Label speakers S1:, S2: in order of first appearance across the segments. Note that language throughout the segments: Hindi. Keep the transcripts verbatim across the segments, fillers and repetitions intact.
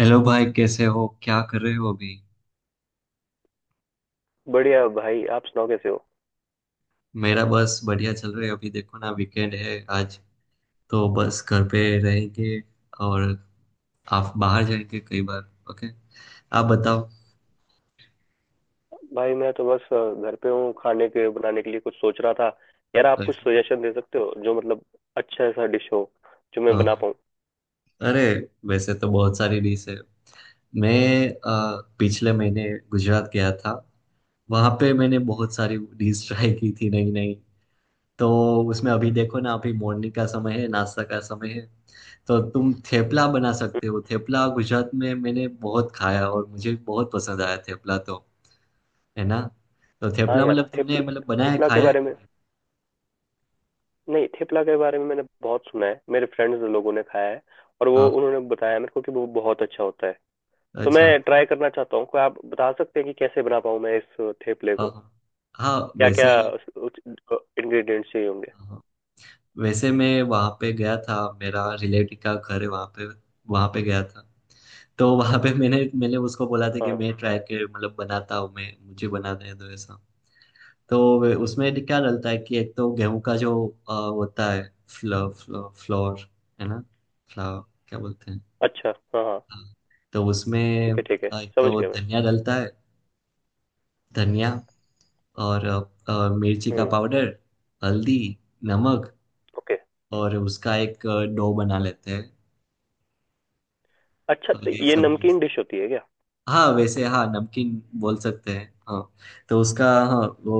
S1: हेलो भाई, कैसे हो? क्या कर रहे हो अभी?
S2: बढ़िया भाई, आप सुनाओ कैसे हो।
S1: मेरा बस बढ़िया चल रहा है। अभी देखो ना, वीकेंड है आज तो बस घर पे रहेंगे। और आप बाहर जाएंगे कई बार। ओके, आप बताओ।
S2: भाई मैं तो बस अ, घर पे हूँ। खाने के बनाने के लिए कुछ सोच रहा था। यार आप कुछ
S1: कैसे?
S2: सजेशन दे सकते हो जो मतलब अच्छा ऐसा डिश हो जो मैं बना
S1: हाँ।
S2: पाऊँ।
S1: अरे, वैसे तो बहुत सारी डिश है। मैं अ, पिछले महीने गुजरात गया था। वहाँ पे मैंने बहुत सारी डिश ट्राई की थी, नई नई। तो उसमें अभी देखो ना, अभी मॉर्निंग का समय है, नाश्ता का समय है। तो तुम थेपला बना सकते हो। थेपला गुजरात में मैंने बहुत खाया और मुझे बहुत पसंद आया थेपला, तो है ना। तो
S2: हाँ
S1: थेपला
S2: यार,
S1: मतलब
S2: थेपल
S1: तुमने मतलब बनाया
S2: थेपला के
S1: खाया है
S2: बारे में,
S1: कभी?
S2: नहीं थेपला के बारे में मैंने बहुत सुना है। मेरे फ्रेंड्स लोगों ने खाया है और वो
S1: हाँ।
S2: उन्होंने बताया मेरे को कि वो बहुत अच्छा होता है। तो मैं
S1: अच्छा।
S2: ट्राई करना चाहता हूँ। कोई आप बता सकते हैं कि कैसे बना पाऊँ मैं इस थेपले
S1: हाँ
S2: को।
S1: हाँ। हाँ,
S2: क्या क्या
S1: वैसे।
S2: इंग्रेडिएंट्स चाहिए होंगे।
S1: हाँ, वैसे मैं वहाँ पे गया था। मेरा रिलेटिव का घर है वहाँ पे, वहाँ पे गया था। तो वहाँ पे मैंने मैंने उसको बोला था कि
S2: हाँ,
S1: मैं ट्राई कर मतलब बनाता हूँ, मैं, मुझे बना दे दो ऐसा। तो वे- उसमें क्या डलता है कि एक तो गेहूं का जो अ, होता है, फ्लो, फ्लो, फ्लोर, है ना, फ्लावर, क्या बोलते हैं।
S2: अच्छा, हाँ हाँ,
S1: हाँ। तो उसमें
S2: ठीक है ठीक है,
S1: अ, एक
S2: समझ
S1: तो
S2: गया मैं।
S1: धनिया डलता है। धनिया, और अ, अ, मिर्ची का
S2: हम्म।
S1: पाउडर, हल्दी, नमक,
S2: ओके।
S1: और उसका एक अ, डो बना लेते हैं।
S2: अच्छा
S1: और
S2: तो
S1: ये
S2: ये
S1: सब।
S2: नमकीन डिश होती है क्या?
S1: हाँ, वैसे हाँ, नमकीन बोल सकते हैं हाँ। तो उसका, हाँ, वो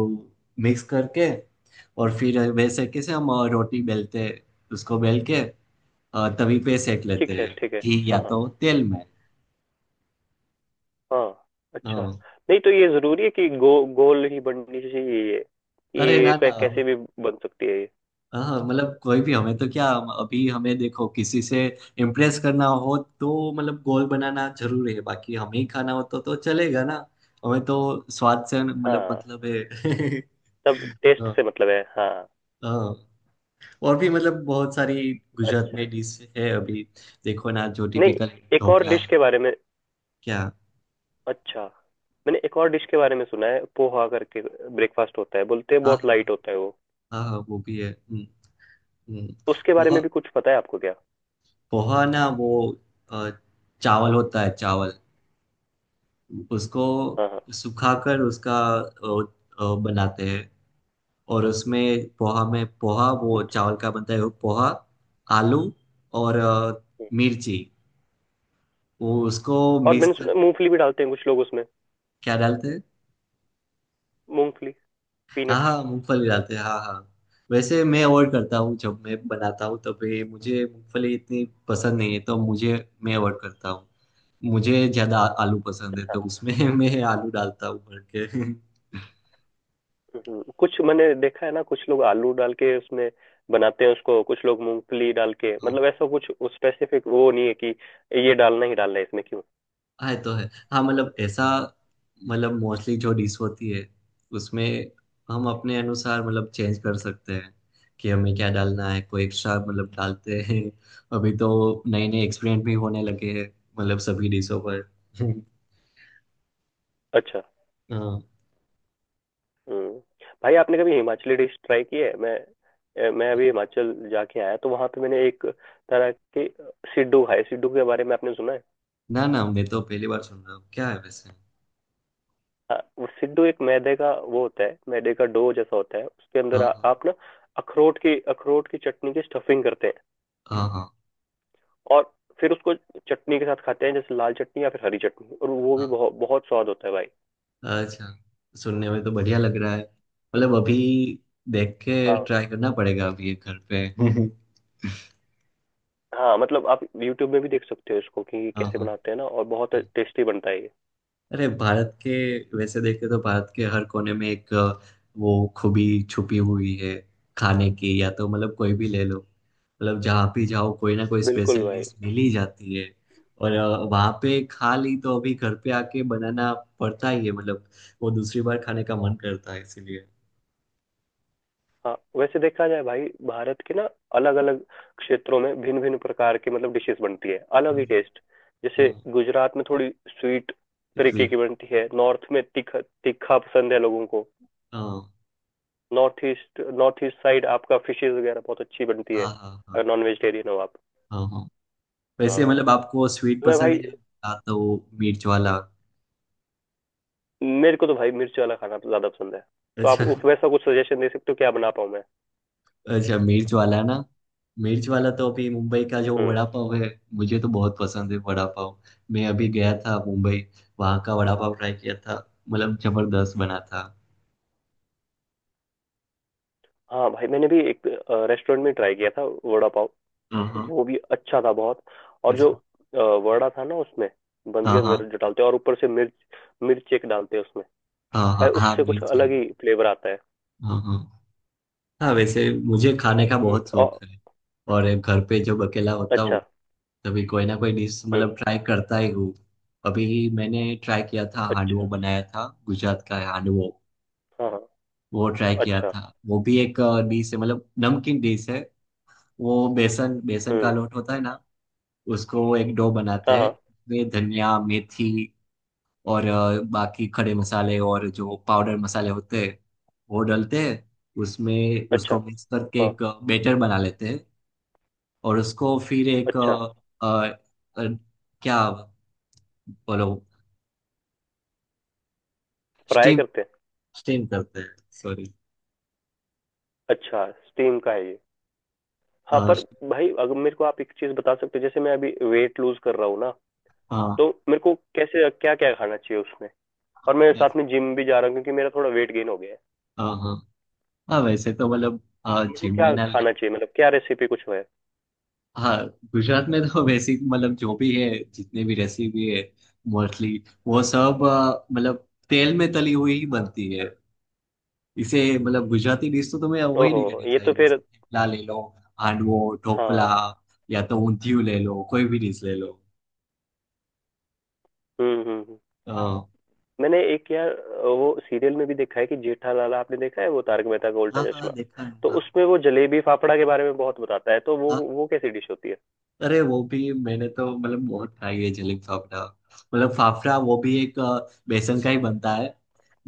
S1: मिक्स करके और फिर वैसे कैसे हम अ, रोटी बेलते हैं, उसको बेल के और तभी पे सेक
S2: ठीक
S1: लेते
S2: है
S1: हैं,
S2: ठीक है।
S1: घी या
S2: हाँ हाँ।
S1: तो तेल में।
S2: हाँ अच्छा।
S1: हाँ।
S2: नहीं तो ये जरूरी है कि गो गोल ही बननी चाहिए ये?
S1: अरे
S2: ये
S1: ना ना।
S2: कै- कैसे भी बन सकती है ये?
S1: हाँ हाँ, मतलब कोई भी हमें तो क्या, अभी हमें देखो किसी से इम्प्रेस करना हो तो मतलब गोल बनाना जरूरी है, बाकी हमें ही खाना हो तो तो चलेगा ना। हमें तो स्वाद से मतलब
S2: हाँ,
S1: मतलब है।
S2: तब टेस्ट
S1: हाँ।
S2: से मतलब है, हाँ।
S1: हाँ। और भी मतलब बहुत सारी गुजरात
S2: अच्छा।
S1: में डिश है अभी, देखो ना, जो
S2: नहीं,
S1: टिपिकल
S2: एक और
S1: ढोकला
S2: डिश
S1: है,
S2: के बारे में।
S1: क्या।
S2: अच्छा, मैंने एक और डिश के बारे में सुना है, पोहा करके। ब्रेकफास्ट होता है, बोलते हैं
S1: हाँ
S2: बहुत
S1: हाँ।
S2: लाइट होता है वो।
S1: हाँ हाँ, वो भी है। हम्म, हम्म।
S2: उसके बारे में
S1: पोहा,
S2: भी कुछ पता है आपको क्या?
S1: पोहा ना वो अ, चावल होता है, चावल। उसको
S2: हाँ हाँ।
S1: सुखाकर उसका अ, अ, बनाते हैं। और उसमें पोहा, में पोहा, वो
S2: अच्छा।
S1: चावल का बनता है वो पोहा। आलू और अ,
S2: हम्म।
S1: मिर्ची, वो उसको
S2: और
S1: मिक्स
S2: मैंने
S1: कर।
S2: सुना है मूंगफली भी डालते हैं कुछ लोग उसमें।
S1: क्या डालते हैं?
S2: मूंगफली,
S1: हाँ
S2: पीनट्स।
S1: हाँ, मूंगफली डालते हैं हाँ हाँ। वैसे मैं अवॉइड करता हूँ जब मैं बनाता हूँ, तभी मुझे मूंगफली इतनी पसंद नहीं है तो मुझे, मैं अवॉइड करता हूँ। मुझे ज्यादा आ- आलू पसंद है, तो उसमें मैं आलू डालता हूँ भर के।
S2: हम्म, कुछ मैंने देखा है ना, कुछ लोग आलू डाल के उसमें बनाते हैं उसको, कुछ लोग मूंगफली डाल के,
S1: हाँ।
S2: मतलब ऐसा कुछ स्पेसिफिक वो नहीं है कि ये डालना ही डालना है इसमें क्यों।
S1: हाँ, ये तो है। हाँ, मतलब ऐसा, मतलब मोस्टली जो डिश होती है उसमें हम अपने अनुसार मतलब चेंज कर सकते हैं कि हमें क्या डालना है, कोई एक्स्ट्रा मतलब डालते हैं। अभी तो नए नए एक्सपेरिमेंट भी होने लगे हैं मतलब सभी डिशों पर।
S2: अच्छा।
S1: हाँ।
S2: हम्म। भाई आपने कभी हिमाचली डिश ट्राई की है? मैं अ, मैं अभी हिमाचल जाके आया तो वहां पे मैंने एक तरह की सिड्डू खाई। सिड्डू के बारे में आपने सुना है?
S1: ना ना, मैं तो पहली बार सुन रहा हूँ, क्या है वैसे?
S2: हाँ, वो सिड्डू एक मैदे का वो होता है, मैदे का डो जैसा होता है, उसके अंदर
S1: हाँ
S2: आ,
S1: हाँ।
S2: आप ना अखरोट की, अखरोट की चटनी की स्टफिंग करते हैं
S1: हाँ हाँ।
S2: और फिर उसको चटनी के साथ खाते हैं, जैसे लाल चटनी या फिर हरी चटनी, और वो
S1: हाँ।
S2: भी बहुत बहुत स्वाद होता है भाई।
S1: अच्छा, सुनने में तो बढ़िया लग रहा है।
S2: हम्म,
S1: मतलब अभी देख के
S2: हाँ
S1: ट्राई करना पड़ेगा अभी ये घर पे।
S2: हाँ, मतलब आप यूट्यूब में भी देख सकते हो इसको कि
S1: हाँ
S2: कैसे
S1: हाँ।
S2: बनाते हैं ना, और बहुत टेस्टी बनता है ये।
S1: अरे भारत के, वैसे देखे तो भारत के हर कोने में एक अ, वो खूबी छुपी हुई है खाने की, या तो मतलब कोई भी ले लो, मतलब जहाँ भी जाओ कोई ना कोई
S2: बिल्कुल
S1: स्पेशल
S2: भाई।
S1: डिश मिल ही जाती है। और अ, वहाँ पे खा ली तो अभी घर पे आके बनाना पड़ता ही है, मतलब वो दूसरी बार खाने का मन करता है इसीलिए।
S2: हाँ वैसे देखा जाए भाई, भारत के ना अलग अलग क्षेत्रों में भिन्न भिन्न प्रकार के मतलब डिशेस बनती है, अलग
S1: हाँ।
S2: ही टेस्ट। जैसे
S1: हाँ।
S2: गुजरात में थोड़ी स्वीट तरीके
S1: स्वीट,
S2: की बनती है, नॉर्थ में तीखा तीखा पसंद है लोगों को।
S1: हाँ
S2: north east, north east side आपका फिशेज वगैरह बहुत अच्छी बनती है,
S1: हाँ हाँ। हाँ
S2: अगर नॉन वेजिटेरियन हो आप।
S1: हाँ। हाँ, वैसे
S2: हाँ,
S1: मतलब आपको स्वीट
S2: मैं
S1: पसंद
S2: भाई,
S1: है या या तो मिर्च वाला?
S2: मेरे को तो भाई मिर्च वाला खाना ज्यादा पसंद है। तो आप
S1: अच्छा।
S2: उस वैसा कुछ सजेशन दे सकते हो, क्या बना पाऊँ मैं?
S1: अच्छा, मिर्च वाला ना। मिर्च वाला तो अभी मुंबई का जो
S2: हम्म।
S1: वड़ा पाव है मुझे तो बहुत पसंद है वड़ा पाव। मैं अभी गया था मुंबई, वहाँ का वड़ा पाव ट्राई किया था, मतलब जबरदस्त बना था।
S2: हाँ भाई, मैंने भी एक रेस्टोरेंट में ट्राई किया था वड़ा पाव।
S1: हाँ हाँ।
S2: वो भी अच्छा था बहुत। और जो
S1: अच्छा।
S2: अ, वड़ा था ना उसमें, बंद के
S1: हाँ हाँ
S2: अंदर जो डालते हैं, और ऊपर से मिर्च, मिर्च एक डालते हैं उसमें।
S1: हाँ।
S2: भाई
S1: हाँ हाँ
S2: उससे कुछ
S1: मिर्च है।
S2: अलग ही फ्लेवर आता है।
S1: हाँ हाँ। हाँ, वैसे मुझे खाने का
S2: हम्म,
S1: बहुत शौक
S2: और।
S1: है। और घर पे जब अकेला होता हूँ,
S2: अच्छा।
S1: तभी कोई ना कोई डिश
S2: हम्म।
S1: मतलब ट्राई करता ही हूँ। अभी मैंने ट्राई किया था, हांडवो
S2: अच्छा।
S1: बनाया था, गुजरात का है हांडवो।
S2: हाँ हाँ।
S1: वो ट्राई किया
S2: अच्छा।
S1: था। वो भी एक डिश है, मतलब नमकीन डिश है। वो बेसन बेसन का
S2: हम्म।
S1: लोट होता है ना, उसको एक डो
S2: हाँ
S1: बनाते हैं।
S2: हाँ।
S1: वे धनिया, मेथी और अ, बाकी खड़े मसाले और जो पाउडर मसाले होते हैं वो डालते हैं उसमें।
S2: अच्छा।
S1: उसको मिक्स करके
S2: हाँ।
S1: एक बैटर बना लेते हैं। और उसको फिर एक
S2: अच्छा।
S1: अ, अ, अ, क्या, बोलो।
S2: फ्राई
S1: स्टीम,
S2: करते हैं?
S1: स्टीम करते हैं, सॉरी।
S2: अच्छा स्टीम का है ये। हाँ
S1: हाँ।
S2: पर भाई अगर मेरे को आप एक चीज बता सकते हो, जैसे मैं अभी वेट लूज कर रहा हूँ ना,
S1: हाँ।
S2: तो मेरे को कैसे क्या क्या खाना चाहिए उसमें। और मैं साथ में जिम भी जा रहा हूँ क्योंकि मेरा थोड़ा वेट गेन हो गया है।
S1: हाँ हाँ। हाँ, वैसे तो मतलब हाँ
S2: तो मेरे को
S1: जिम
S2: क्या
S1: में ना ना-
S2: खाना चाहिए, मतलब क्या रेसिपी कुछ है?
S1: हाँ गुजरात में तो बेसिक मतलब जो भी है, जितने भी रेसिपी है, मोस्टली वो सब अ, मतलब तेल में तली हुई ही बनती है। इसे मतलब गुजराती डिश तो तुम्हें वही नहीं
S2: ओहो,
S1: करनी
S2: ये तो
S1: चाहिए,
S2: फिर।
S1: जैसे थेपला ले लो, हांडवो, ढोकला,
S2: हाँ।
S1: या तो ऊंधियू ले लो, कोई भी डिश ले
S2: हम्म हम्म हम्म।
S1: लो।
S2: मैंने एक यार वो सीरियल में भी देखा है कि जेठालाल, आपने देखा है वो तारक मेहता का
S1: हाँ
S2: उल्टा
S1: हाँ,
S2: चश्मा?
S1: देखा है
S2: तो
S1: हाँ।
S2: उसमें वो जलेबी फाफड़ा के बारे में बहुत बताता है, तो वो
S1: हाँ,
S2: वो कैसी डिश होती है?
S1: अरे वो भी मैंने तो मतलब बहुत खाई है जलेब फाफड़ा। मतलब फाफड़ा, वो भी एक अ, बेसन का ही बनता है।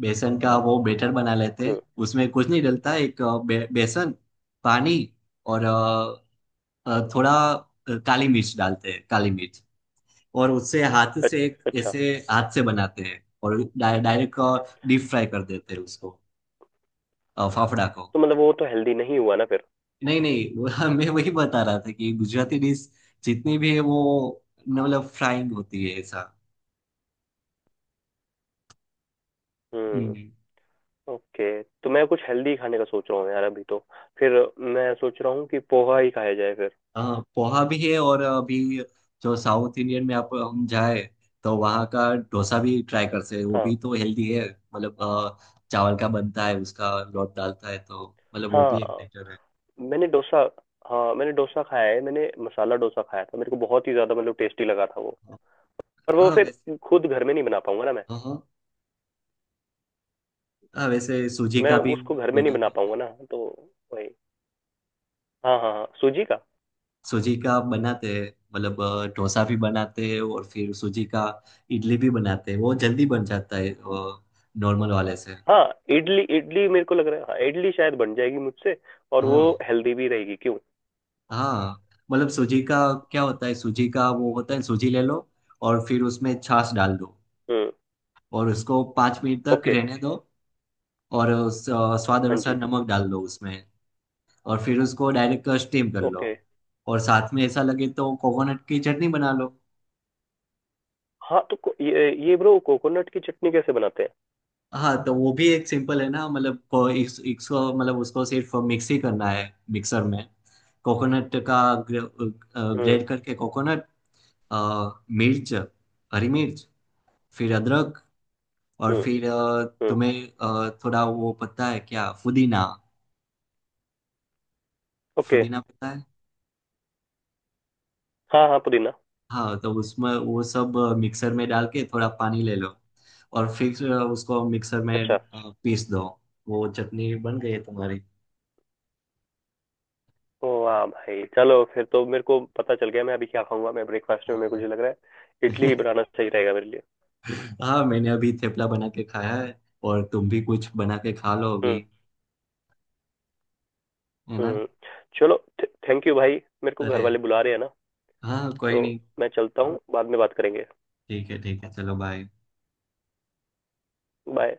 S1: बेसन का वो बेटर बना लेते हैं।
S2: हम्म।
S1: उसमें कुछ नहीं डलता, एक अ, बे, बेसन, पानी, और अ, अ, थोड़ा अ, काली मिर्च डालते हैं, काली मिर्च। और उससे हाथ
S2: अच-
S1: से, एक
S2: अच्छा
S1: ऐसे हाथ से बनाते हैं, और डाय, डायरेक्ट डीप फ्राई कर देते हैं उसको, अ, फाफड़ा को।
S2: तो मतलब वो तो हेल्दी नहीं हुआ ना फिर।
S1: नहीं नहीं वो- मैं वही बता रहा था कि गुजराती डिश जितनी भी है वो न- मतलब फ्राइंग होती है ऐसा।
S2: हम्म।
S1: हम्म।
S2: ओके तो मैं कुछ हेल्दी खाने का सोच रहा हूँ यार अभी। तो फिर मैं सोच रहा हूँ कि पोहा ही खाया जाए फिर।
S1: हाँ पोहा भी है। और अभी जो साउथ इंडियन में आप हम जाए तो वहाँ का डोसा भी ट्राई कर सकते हैं। वो
S2: हाँ।
S1: भी तो हेल्दी है। मतलब अ, चावल का बनता है, उसका लौट डालता है तो मतलब वो भी एक
S2: हाँ
S1: बेटर है।
S2: मैंने डोसा हाँ मैंने डोसा खाया है, मैंने मसाला डोसा खाया था, मेरे को बहुत ही ज्यादा मतलब टेस्टी लगा था वो। पर वो
S1: हाँ,
S2: फिर
S1: वैसे।
S2: खुद घर में नहीं बना पाऊंगा ना मैं।
S1: हाँ हाँ, वैसे सूजी
S2: मैं
S1: का भी
S2: उसको घर में नहीं
S1: बनाते
S2: बना
S1: हैं।
S2: पाऊंगा ना, तो वही। हाँ हाँ हाँ, सूजी का।
S1: सूजी का बनाते हैं मतलब अ, डोसा भी बनाते हैं और फिर सूजी का इडली भी बनाते हैं, वो जल्दी बन जाता है नॉर्मल वाले से।
S2: हाँ इडली, इडली मेरे को लग रहा है, हाँ इडली शायद बन जाएगी मुझसे, और वो
S1: हाँ
S2: हेल्दी भी रहेगी क्यों।
S1: हाँ, मतलब सूजी का क्या होता है, सूजी का वो होता है, सूजी ले लो और फिर उसमें छाछ डाल दो
S2: हम्म।
S1: और उसको पाँच मिनट तक
S2: ओके।
S1: रहने दो और उस, अ, स्वाद
S2: हाँ
S1: अनुसार
S2: जी।
S1: नमक डाल दो उसमें। और फिर उसको डायरेक्ट स्टीम कर
S2: ओके।
S1: लो। और साथ में ऐसा लगे तो कोकोनट की चटनी बना लो।
S2: हाँ तो को, ये ये ब्रो, कोकोनट की चटनी कैसे बनाते हैं?
S1: हाँ तो वो भी एक सिंपल है ना, मतलब को- इस, इसको मतलब उसको सिर्फ मिक्स ही करना है मिक्सर में। कोकोनट का
S2: हम्म।
S1: ग्रेट करके, कोकोनट, मिर्च, हरी मिर्च, फिर अदरक, और
S2: हम्म।
S1: फिर अ,
S2: हम्म।
S1: तुम्हें अ, थोड़ा वो पता है क्या, पुदीना।
S2: ओके।
S1: पुदीना पता है?
S2: हाँ हाँ, पुदीना।
S1: हाँ, तो उसमें वो सब मिक्सर में डाल के थोड़ा पानी ले लो और फिर उसको मिक्सर में
S2: अच्छा।
S1: अ, पीस दो। वो चटनी बन गई है तुम्हारी।
S2: ओ वाह भाई, चलो फिर तो मेरे को पता चल गया मैं अभी क्या खाऊंगा। मैं ब्रेकफास्ट में, मेरे को
S1: हाँ।
S2: जो लग रहा है, इडली ही बनाना सही रहेगा मेरे लिए।
S1: हाँ, मैंने अभी थेपला बना के खाया है और तुम भी कुछ बना के खा लो अभी,
S2: हम्म।
S1: है ना।
S2: हम्म। चलो, थैंक यू भाई। मेरे को घर
S1: अरे
S2: वाले बुला रहे हैं ना,
S1: हाँ,
S2: तो
S1: कोई नहीं।
S2: मैं चलता हूँ, बाद में बात करेंगे।
S1: ठीक है ठीक है, चलो बाय।
S2: बाय।